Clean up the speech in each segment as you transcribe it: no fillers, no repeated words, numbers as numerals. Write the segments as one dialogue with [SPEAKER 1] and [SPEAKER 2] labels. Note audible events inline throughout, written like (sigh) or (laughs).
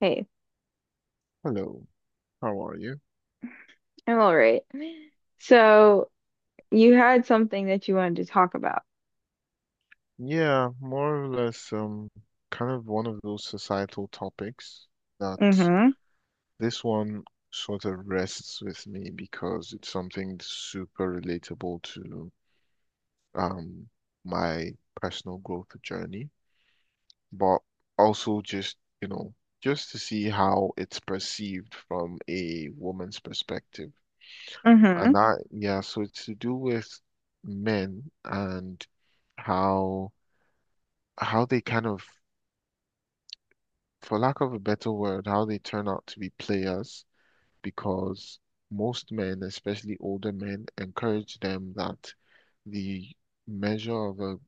[SPEAKER 1] Hey,
[SPEAKER 2] Hello, how are you?
[SPEAKER 1] I'm all right. So you had something that you wanted to talk about.
[SPEAKER 2] Yeah, more or less, kind of one of those societal topics that
[SPEAKER 1] Mm-hmm.
[SPEAKER 2] this one sort of rests with me because it's something super relatable to um my personal growth journey, but also just to see how it's perceived from a woman's perspective.
[SPEAKER 1] Mm-hmm.
[SPEAKER 2] And that, yeah, so it's to do with men and how how they kind of for lack of a better word, how they turn out to be players because most men, especially older men, encourage them that the measure of a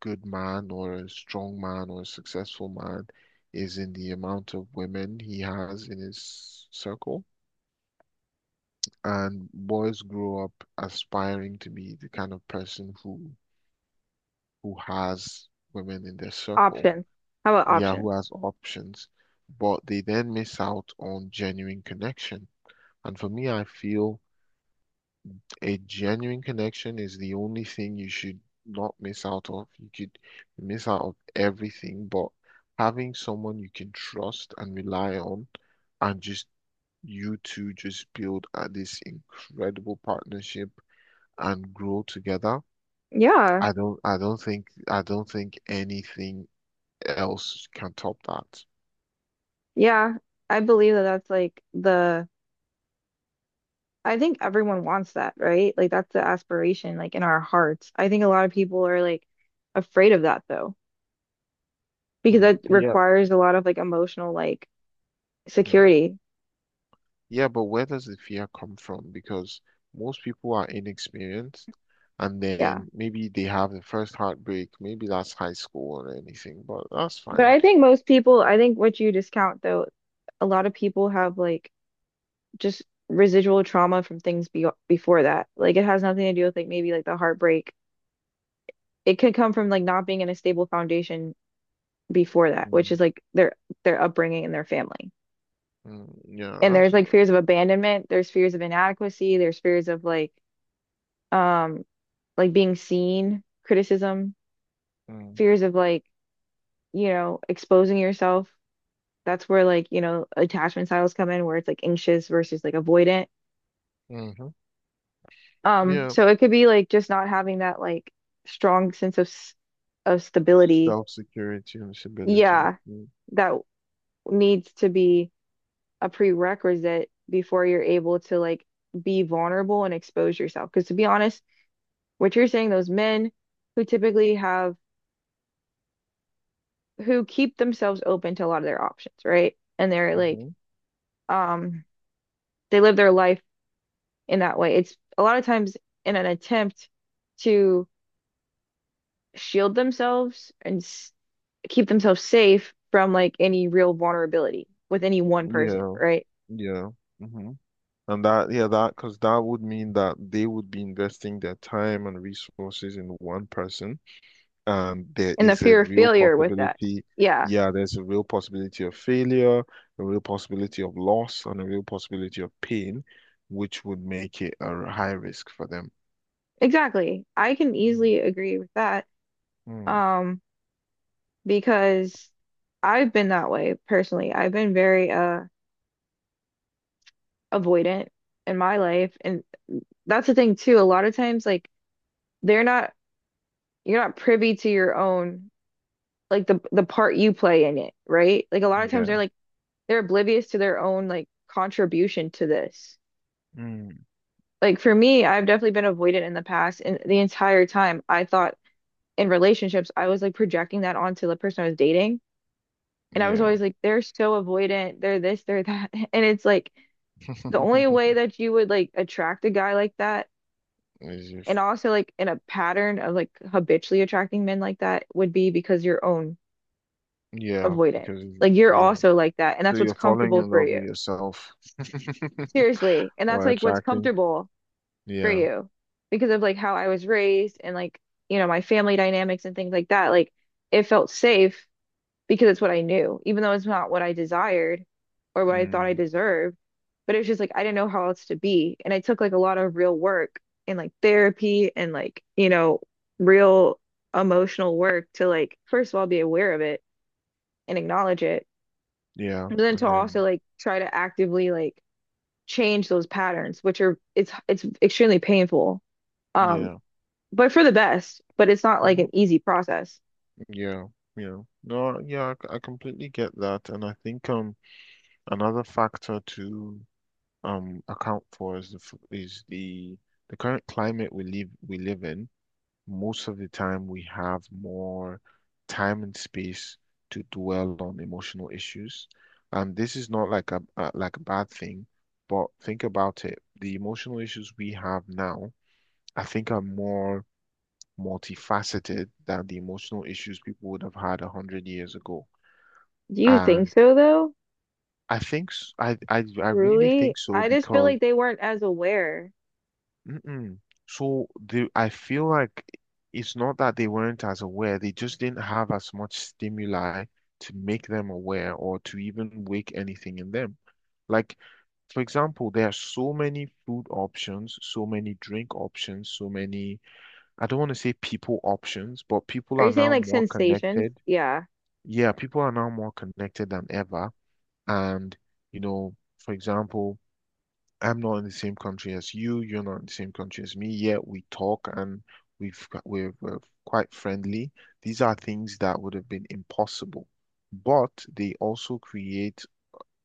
[SPEAKER 2] good man or a strong man or a successful man is in the amount of women he has in his circle. And boys grow up aspiring to be the kind of person who has women in their circle,
[SPEAKER 1] Options. How about
[SPEAKER 2] yeah, who
[SPEAKER 1] options?
[SPEAKER 2] has options, but they then miss out on genuine connection. And for me, I feel a genuine connection is the only thing you should not miss out of. You could miss out of everything, but having someone you can trust and rely on and just you two just build this incredible partnership and grow together.
[SPEAKER 1] Yeah.
[SPEAKER 2] I don't think anything else can top that.
[SPEAKER 1] Yeah. I believe that I think everyone wants that, right? Like that's the aspiration, like in our hearts. I think a lot of people are like afraid of that though, because
[SPEAKER 2] Hmm.
[SPEAKER 1] that
[SPEAKER 2] Yeah.
[SPEAKER 1] requires a lot of like emotional like security.
[SPEAKER 2] Yeah, but where does the fear come from? Because most people are inexperienced and
[SPEAKER 1] Yeah.
[SPEAKER 2] then maybe they have the first heartbreak. Maybe that's high school or anything, but that's
[SPEAKER 1] But
[SPEAKER 2] fine.
[SPEAKER 1] I think most people, I think what you discount though, a lot of people have like just residual trauma from things be before that. Like it has nothing to do with like maybe like the heartbreak. It could come from like not being in a stable foundation before that, which is
[SPEAKER 2] Mm,
[SPEAKER 1] like their upbringing and their family.
[SPEAKER 2] mm. Yeah,
[SPEAKER 1] And there's
[SPEAKER 2] that's.
[SPEAKER 1] like fears of abandonment, there's fears of inadequacy, there's fears of um like being seen, criticism,
[SPEAKER 2] Mm,
[SPEAKER 1] fears of like, you know, exposing yourself. That's where like, you know, attachment styles come in where it's like anxious versus like avoidant.
[SPEAKER 2] hmm.
[SPEAKER 1] Um,
[SPEAKER 2] Yeah,
[SPEAKER 1] so it could be like just not having that like strong sense of of stability.
[SPEAKER 2] self-security and stability.
[SPEAKER 1] Yeah,
[SPEAKER 2] Mm,
[SPEAKER 1] that needs to be a prerequisite before you're able to like be vulnerable and expose yourself. Because to be honest, what you're saying, those men who typically have who keep themselves open to a lot of their options, right? And they're like,
[SPEAKER 2] mhm.
[SPEAKER 1] um, they live their life in that way. It's a lot of times in an attempt to shield themselves and keep themselves safe from like any real vulnerability with any one person,
[SPEAKER 2] Yeah,
[SPEAKER 1] right?
[SPEAKER 2] yeah. Hmm. And that, yeah, because that would mean that they would be investing their time and resources in one person, there
[SPEAKER 1] And the
[SPEAKER 2] is a
[SPEAKER 1] fear of
[SPEAKER 2] real
[SPEAKER 1] failure with that.
[SPEAKER 2] possibility.
[SPEAKER 1] Yeah,
[SPEAKER 2] Yeah, there's a real possibility of failure, a real possibility of loss, and a real possibility of pain, which would make it a high risk for them.
[SPEAKER 1] exactly. I can
[SPEAKER 2] Mm,
[SPEAKER 1] easily agree with that.
[SPEAKER 2] mm,
[SPEAKER 1] Um, because I've been that way personally. I've been very avoidant in my life. And that's the thing too. A lot of times like they're not you're not privy to your own like the part you play in it, right? Like a lot of times
[SPEAKER 2] yeah.
[SPEAKER 1] they're like they're oblivious to their own like contribution to this.
[SPEAKER 2] Mm,
[SPEAKER 1] Like for me, I've definitely been avoidant in the past, and the entire time I thought in relationships, I was like projecting that onto the person I was dating, and I was
[SPEAKER 2] yeah.
[SPEAKER 1] always like, they're so avoidant, they're this, they're that, (laughs) and it's like the only
[SPEAKER 2] (laughs)
[SPEAKER 1] way that you would like attract a guy like that,
[SPEAKER 2] As if,
[SPEAKER 1] and also like in a pattern of like habitually attracting men like that would be because your own
[SPEAKER 2] yeah,
[SPEAKER 1] avoidant.
[SPEAKER 2] because,
[SPEAKER 1] Like you're
[SPEAKER 2] yeah.
[SPEAKER 1] also like that, and
[SPEAKER 2] So
[SPEAKER 1] that's what's
[SPEAKER 2] you're falling
[SPEAKER 1] comfortable
[SPEAKER 2] in
[SPEAKER 1] for
[SPEAKER 2] love with
[SPEAKER 1] you.
[SPEAKER 2] yourself (laughs)
[SPEAKER 1] Seriously, and that's
[SPEAKER 2] or
[SPEAKER 1] like what's
[SPEAKER 2] attracting.
[SPEAKER 1] comfortable for
[SPEAKER 2] Yeah.
[SPEAKER 1] you because of like how I was raised and like, you know, my family dynamics and things like that. Like it felt safe because it's what I knew, even though it's not what I desired or what I thought I
[SPEAKER 2] Mm,
[SPEAKER 1] deserved. But it was just like I didn't know how else to be. And I took like a lot of real work and like therapy and like, you know, real emotional work to like, first of all, be aware of it and acknowledge it.
[SPEAKER 2] yeah.
[SPEAKER 1] But then
[SPEAKER 2] And
[SPEAKER 1] to
[SPEAKER 2] then,
[SPEAKER 1] also like try to actively like change those patterns, which are it's extremely painful. Um,
[SPEAKER 2] yeah.
[SPEAKER 1] but for the best. But it's not like
[SPEAKER 2] Mhm.
[SPEAKER 1] an easy process.
[SPEAKER 2] Yeah, yeah. No, yeah, I completely get that, and I think another factor to account for is the current climate we live in. Most of the time, we have more time and space to dwell on emotional issues, and this is not like a bad thing, but think about it. The emotional issues we have now, I think, are more multifaceted than the emotional issues people would have had 100 years ago.
[SPEAKER 1] Do you think
[SPEAKER 2] And
[SPEAKER 1] so though?
[SPEAKER 2] I think s- I really
[SPEAKER 1] Truly,
[SPEAKER 2] think so,
[SPEAKER 1] I just feel
[SPEAKER 2] because.
[SPEAKER 1] like they weren't as aware.
[SPEAKER 2] Mm-mm. So the I feel like it's not that they weren't as aware, they just didn't have as much stimuli to make them aware or to even wake anything in them. Like, for example, there are so many food options, so many drink options, so many, I don't want to say people options, but people
[SPEAKER 1] Are
[SPEAKER 2] are
[SPEAKER 1] you saying
[SPEAKER 2] now
[SPEAKER 1] like
[SPEAKER 2] more
[SPEAKER 1] sensations?
[SPEAKER 2] connected.
[SPEAKER 1] Yeah.
[SPEAKER 2] Yeah, people are now more connected than ever. And, for example, I'm not in the same country as you. You're not in the same country as me. Yet we talk, and we're quite friendly. These are things that would have been impossible, but they also create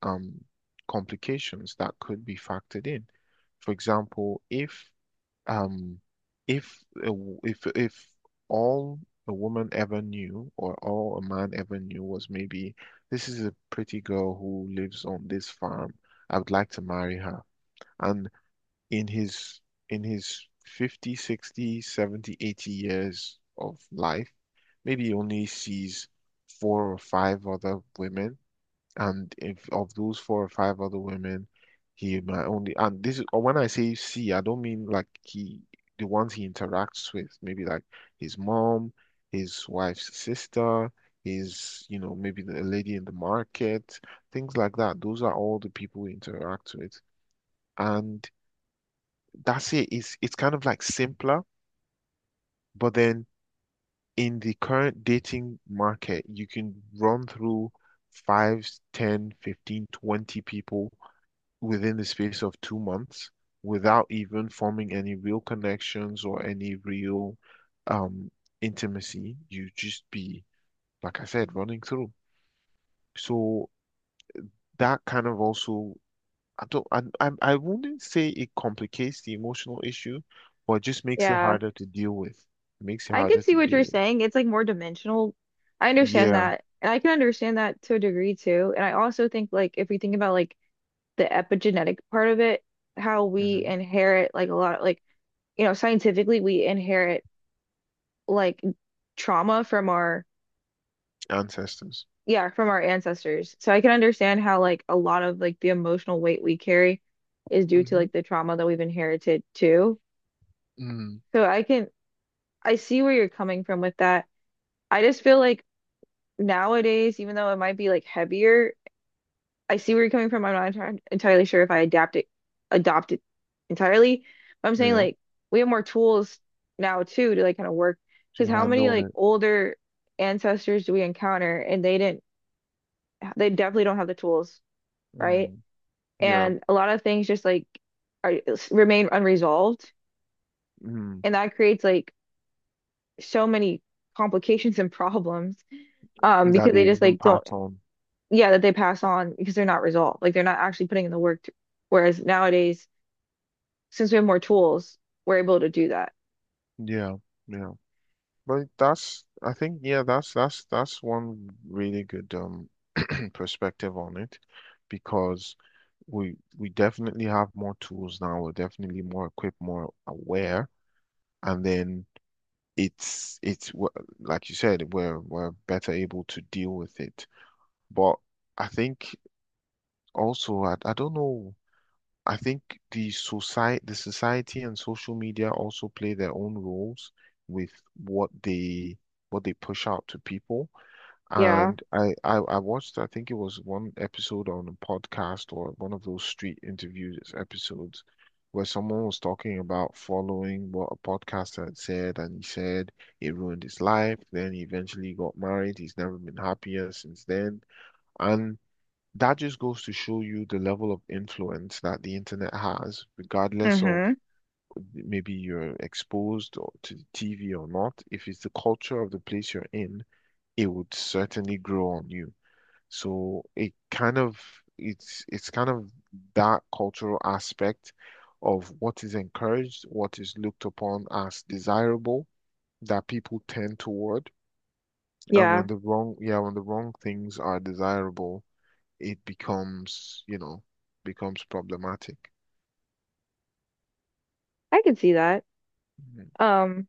[SPEAKER 2] um, complications that could be factored in. For example, um, if all a woman ever knew or all a man ever knew was maybe this is a pretty girl who lives on this farm. I would like to marry her. And in his in his 50, 60, 70, 80 years of life, maybe he only sees 4 or 5 other women, and if of those 4 or 5 other women, he might only, and this is, or when I say see, I don't mean like he, the ones he interacts with, maybe like his mom, his wife's sister, his, maybe the a lady in the market, things like that. Those are all the people he interacts with. And that's it. It's kind of like simpler, but then in the current dating market, you can run through five, 10, 15, 20 people within the space of 2 months without even forming any real connections or any real um intimacy. You just be, like I said, running through. So that kind of also I don't, I wouldn't say it complicates the emotional issue, but it just makes it
[SPEAKER 1] Yeah.
[SPEAKER 2] harder to deal with. It makes it
[SPEAKER 1] I
[SPEAKER 2] harder
[SPEAKER 1] could see
[SPEAKER 2] to
[SPEAKER 1] what
[SPEAKER 2] deal
[SPEAKER 1] you're
[SPEAKER 2] with.
[SPEAKER 1] saying. It's like more dimensional. I understand
[SPEAKER 2] Yeah.
[SPEAKER 1] that. And I can understand that to a degree too. And I also think like if we think about like the epigenetic part of it, how we
[SPEAKER 2] Hmm.
[SPEAKER 1] inherit like a lot of like, you know, scientifically we inherit like trauma from our
[SPEAKER 2] Ancestors.
[SPEAKER 1] yeah, from our ancestors. So I can understand how like a lot of like the emotional weight we carry is due to
[SPEAKER 2] Hmm.
[SPEAKER 1] like the trauma that we've inherited too.
[SPEAKER 2] Mm.
[SPEAKER 1] So I see where you're coming from with that. I just feel like nowadays, even though it might be like heavier, I see where you're coming from. I'm not entirely sure if adopt it entirely. But I'm saying
[SPEAKER 2] Yeah.
[SPEAKER 1] like we have more tools now too to like kind of work
[SPEAKER 2] To
[SPEAKER 1] because how many
[SPEAKER 2] handle
[SPEAKER 1] like
[SPEAKER 2] it.
[SPEAKER 1] older ancestors do we encounter and they definitely don't have the tools, right?
[SPEAKER 2] Mm. Yeah.
[SPEAKER 1] And a lot of things just like are remain unresolved
[SPEAKER 2] Mm.
[SPEAKER 1] and that creates like so many complications and problems
[SPEAKER 2] That
[SPEAKER 1] because
[SPEAKER 2] they
[SPEAKER 1] they just
[SPEAKER 2] even
[SPEAKER 1] like don't
[SPEAKER 2] pass on.
[SPEAKER 1] yeah that they pass on because they're not resolved, like they're not actually putting in the work to, whereas nowadays since we have more tools we're able to do that.
[SPEAKER 2] Yeah. Yeah. But that's, I think, yeah, that's one really good, (clears throat) perspective on it because we definitely have more tools now. We're definitely more equipped, more aware, and then, it's it's w- like you said, we're better able to deal with it. But I think also I don't know. I think the society and social media also play their own roles with what they what they push out to people.
[SPEAKER 1] Yeah,
[SPEAKER 2] And I watched, I think it was one episode on a podcast or one of those street interviews episodes where someone was talking about following what a podcaster had said, and he said it ruined his life. Then he eventually got married. He's never been happier since then. And that just goes to show you the level of influence that the internet has, regardless of
[SPEAKER 1] mm-hmm,
[SPEAKER 2] maybe you're exposed or to the TV or not. If it's the culture of the place you're in, it would certainly grow on you. So it's kind of that cultural aspect of what is encouraged, what is looked upon as desirable, that people tend toward. And,
[SPEAKER 1] yeah,
[SPEAKER 2] yeah, when the wrong things are desirable, it becomes problematic.
[SPEAKER 1] I can see that,
[SPEAKER 2] Mhm.
[SPEAKER 1] um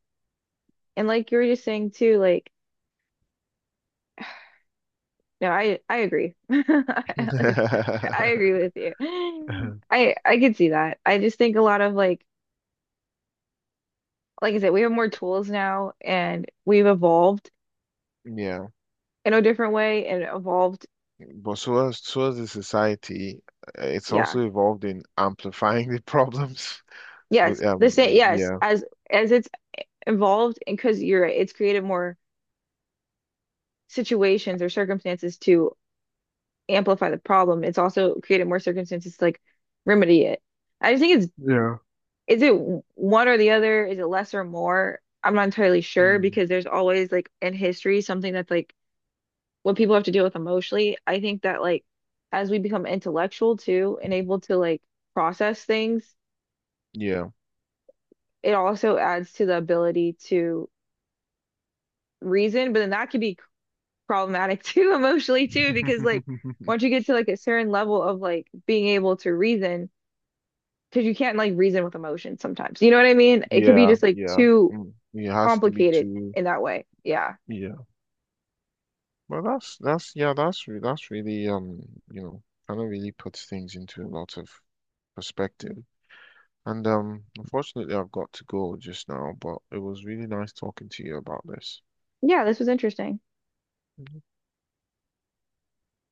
[SPEAKER 1] and like you were just saying too, like no I agree (laughs) I agree
[SPEAKER 2] (laughs)
[SPEAKER 1] with you, I could see that. I just think a lot of like I said, we have more tools now and we've evolved
[SPEAKER 2] Yeah,
[SPEAKER 1] in a different way and evolved.
[SPEAKER 2] but so as a society, it's
[SPEAKER 1] Yeah.
[SPEAKER 2] also involved in amplifying the problems (laughs)
[SPEAKER 1] Yes.
[SPEAKER 2] with,
[SPEAKER 1] The same. Yes.
[SPEAKER 2] yeah,
[SPEAKER 1] As it's evolved and because you're right, it's created more situations or circumstances to amplify the problem. It's also created more circumstances to like remedy it. I just think it's
[SPEAKER 2] yeah.
[SPEAKER 1] is it one or the other? Is it less or more? I'm not entirely sure because there's always like in history something that's like what people have to deal with emotionally. I think that like as we become intellectual too and able to like process things,
[SPEAKER 2] Yeah.
[SPEAKER 1] it also adds to the ability to reason, but then that could be problematic (laughs) too emotionally too because like once you
[SPEAKER 2] (laughs)
[SPEAKER 1] get to like a certain level of like being able to reason, because you can't like reason with emotion sometimes. You know what I mean? It could be
[SPEAKER 2] Yeah,
[SPEAKER 1] just like
[SPEAKER 2] yeah.
[SPEAKER 1] too
[SPEAKER 2] Mm. It has to be
[SPEAKER 1] complicated
[SPEAKER 2] too.
[SPEAKER 1] in that way. Yeah.
[SPEAKER 2] Yeah. Well, that's, yeah, that's really kind of really puts things into a lot of perspective. And unfortunately, I've got to go just now, but it was really nice talking to you about this.
[SPEAKER 1] Yeah, this was interesting.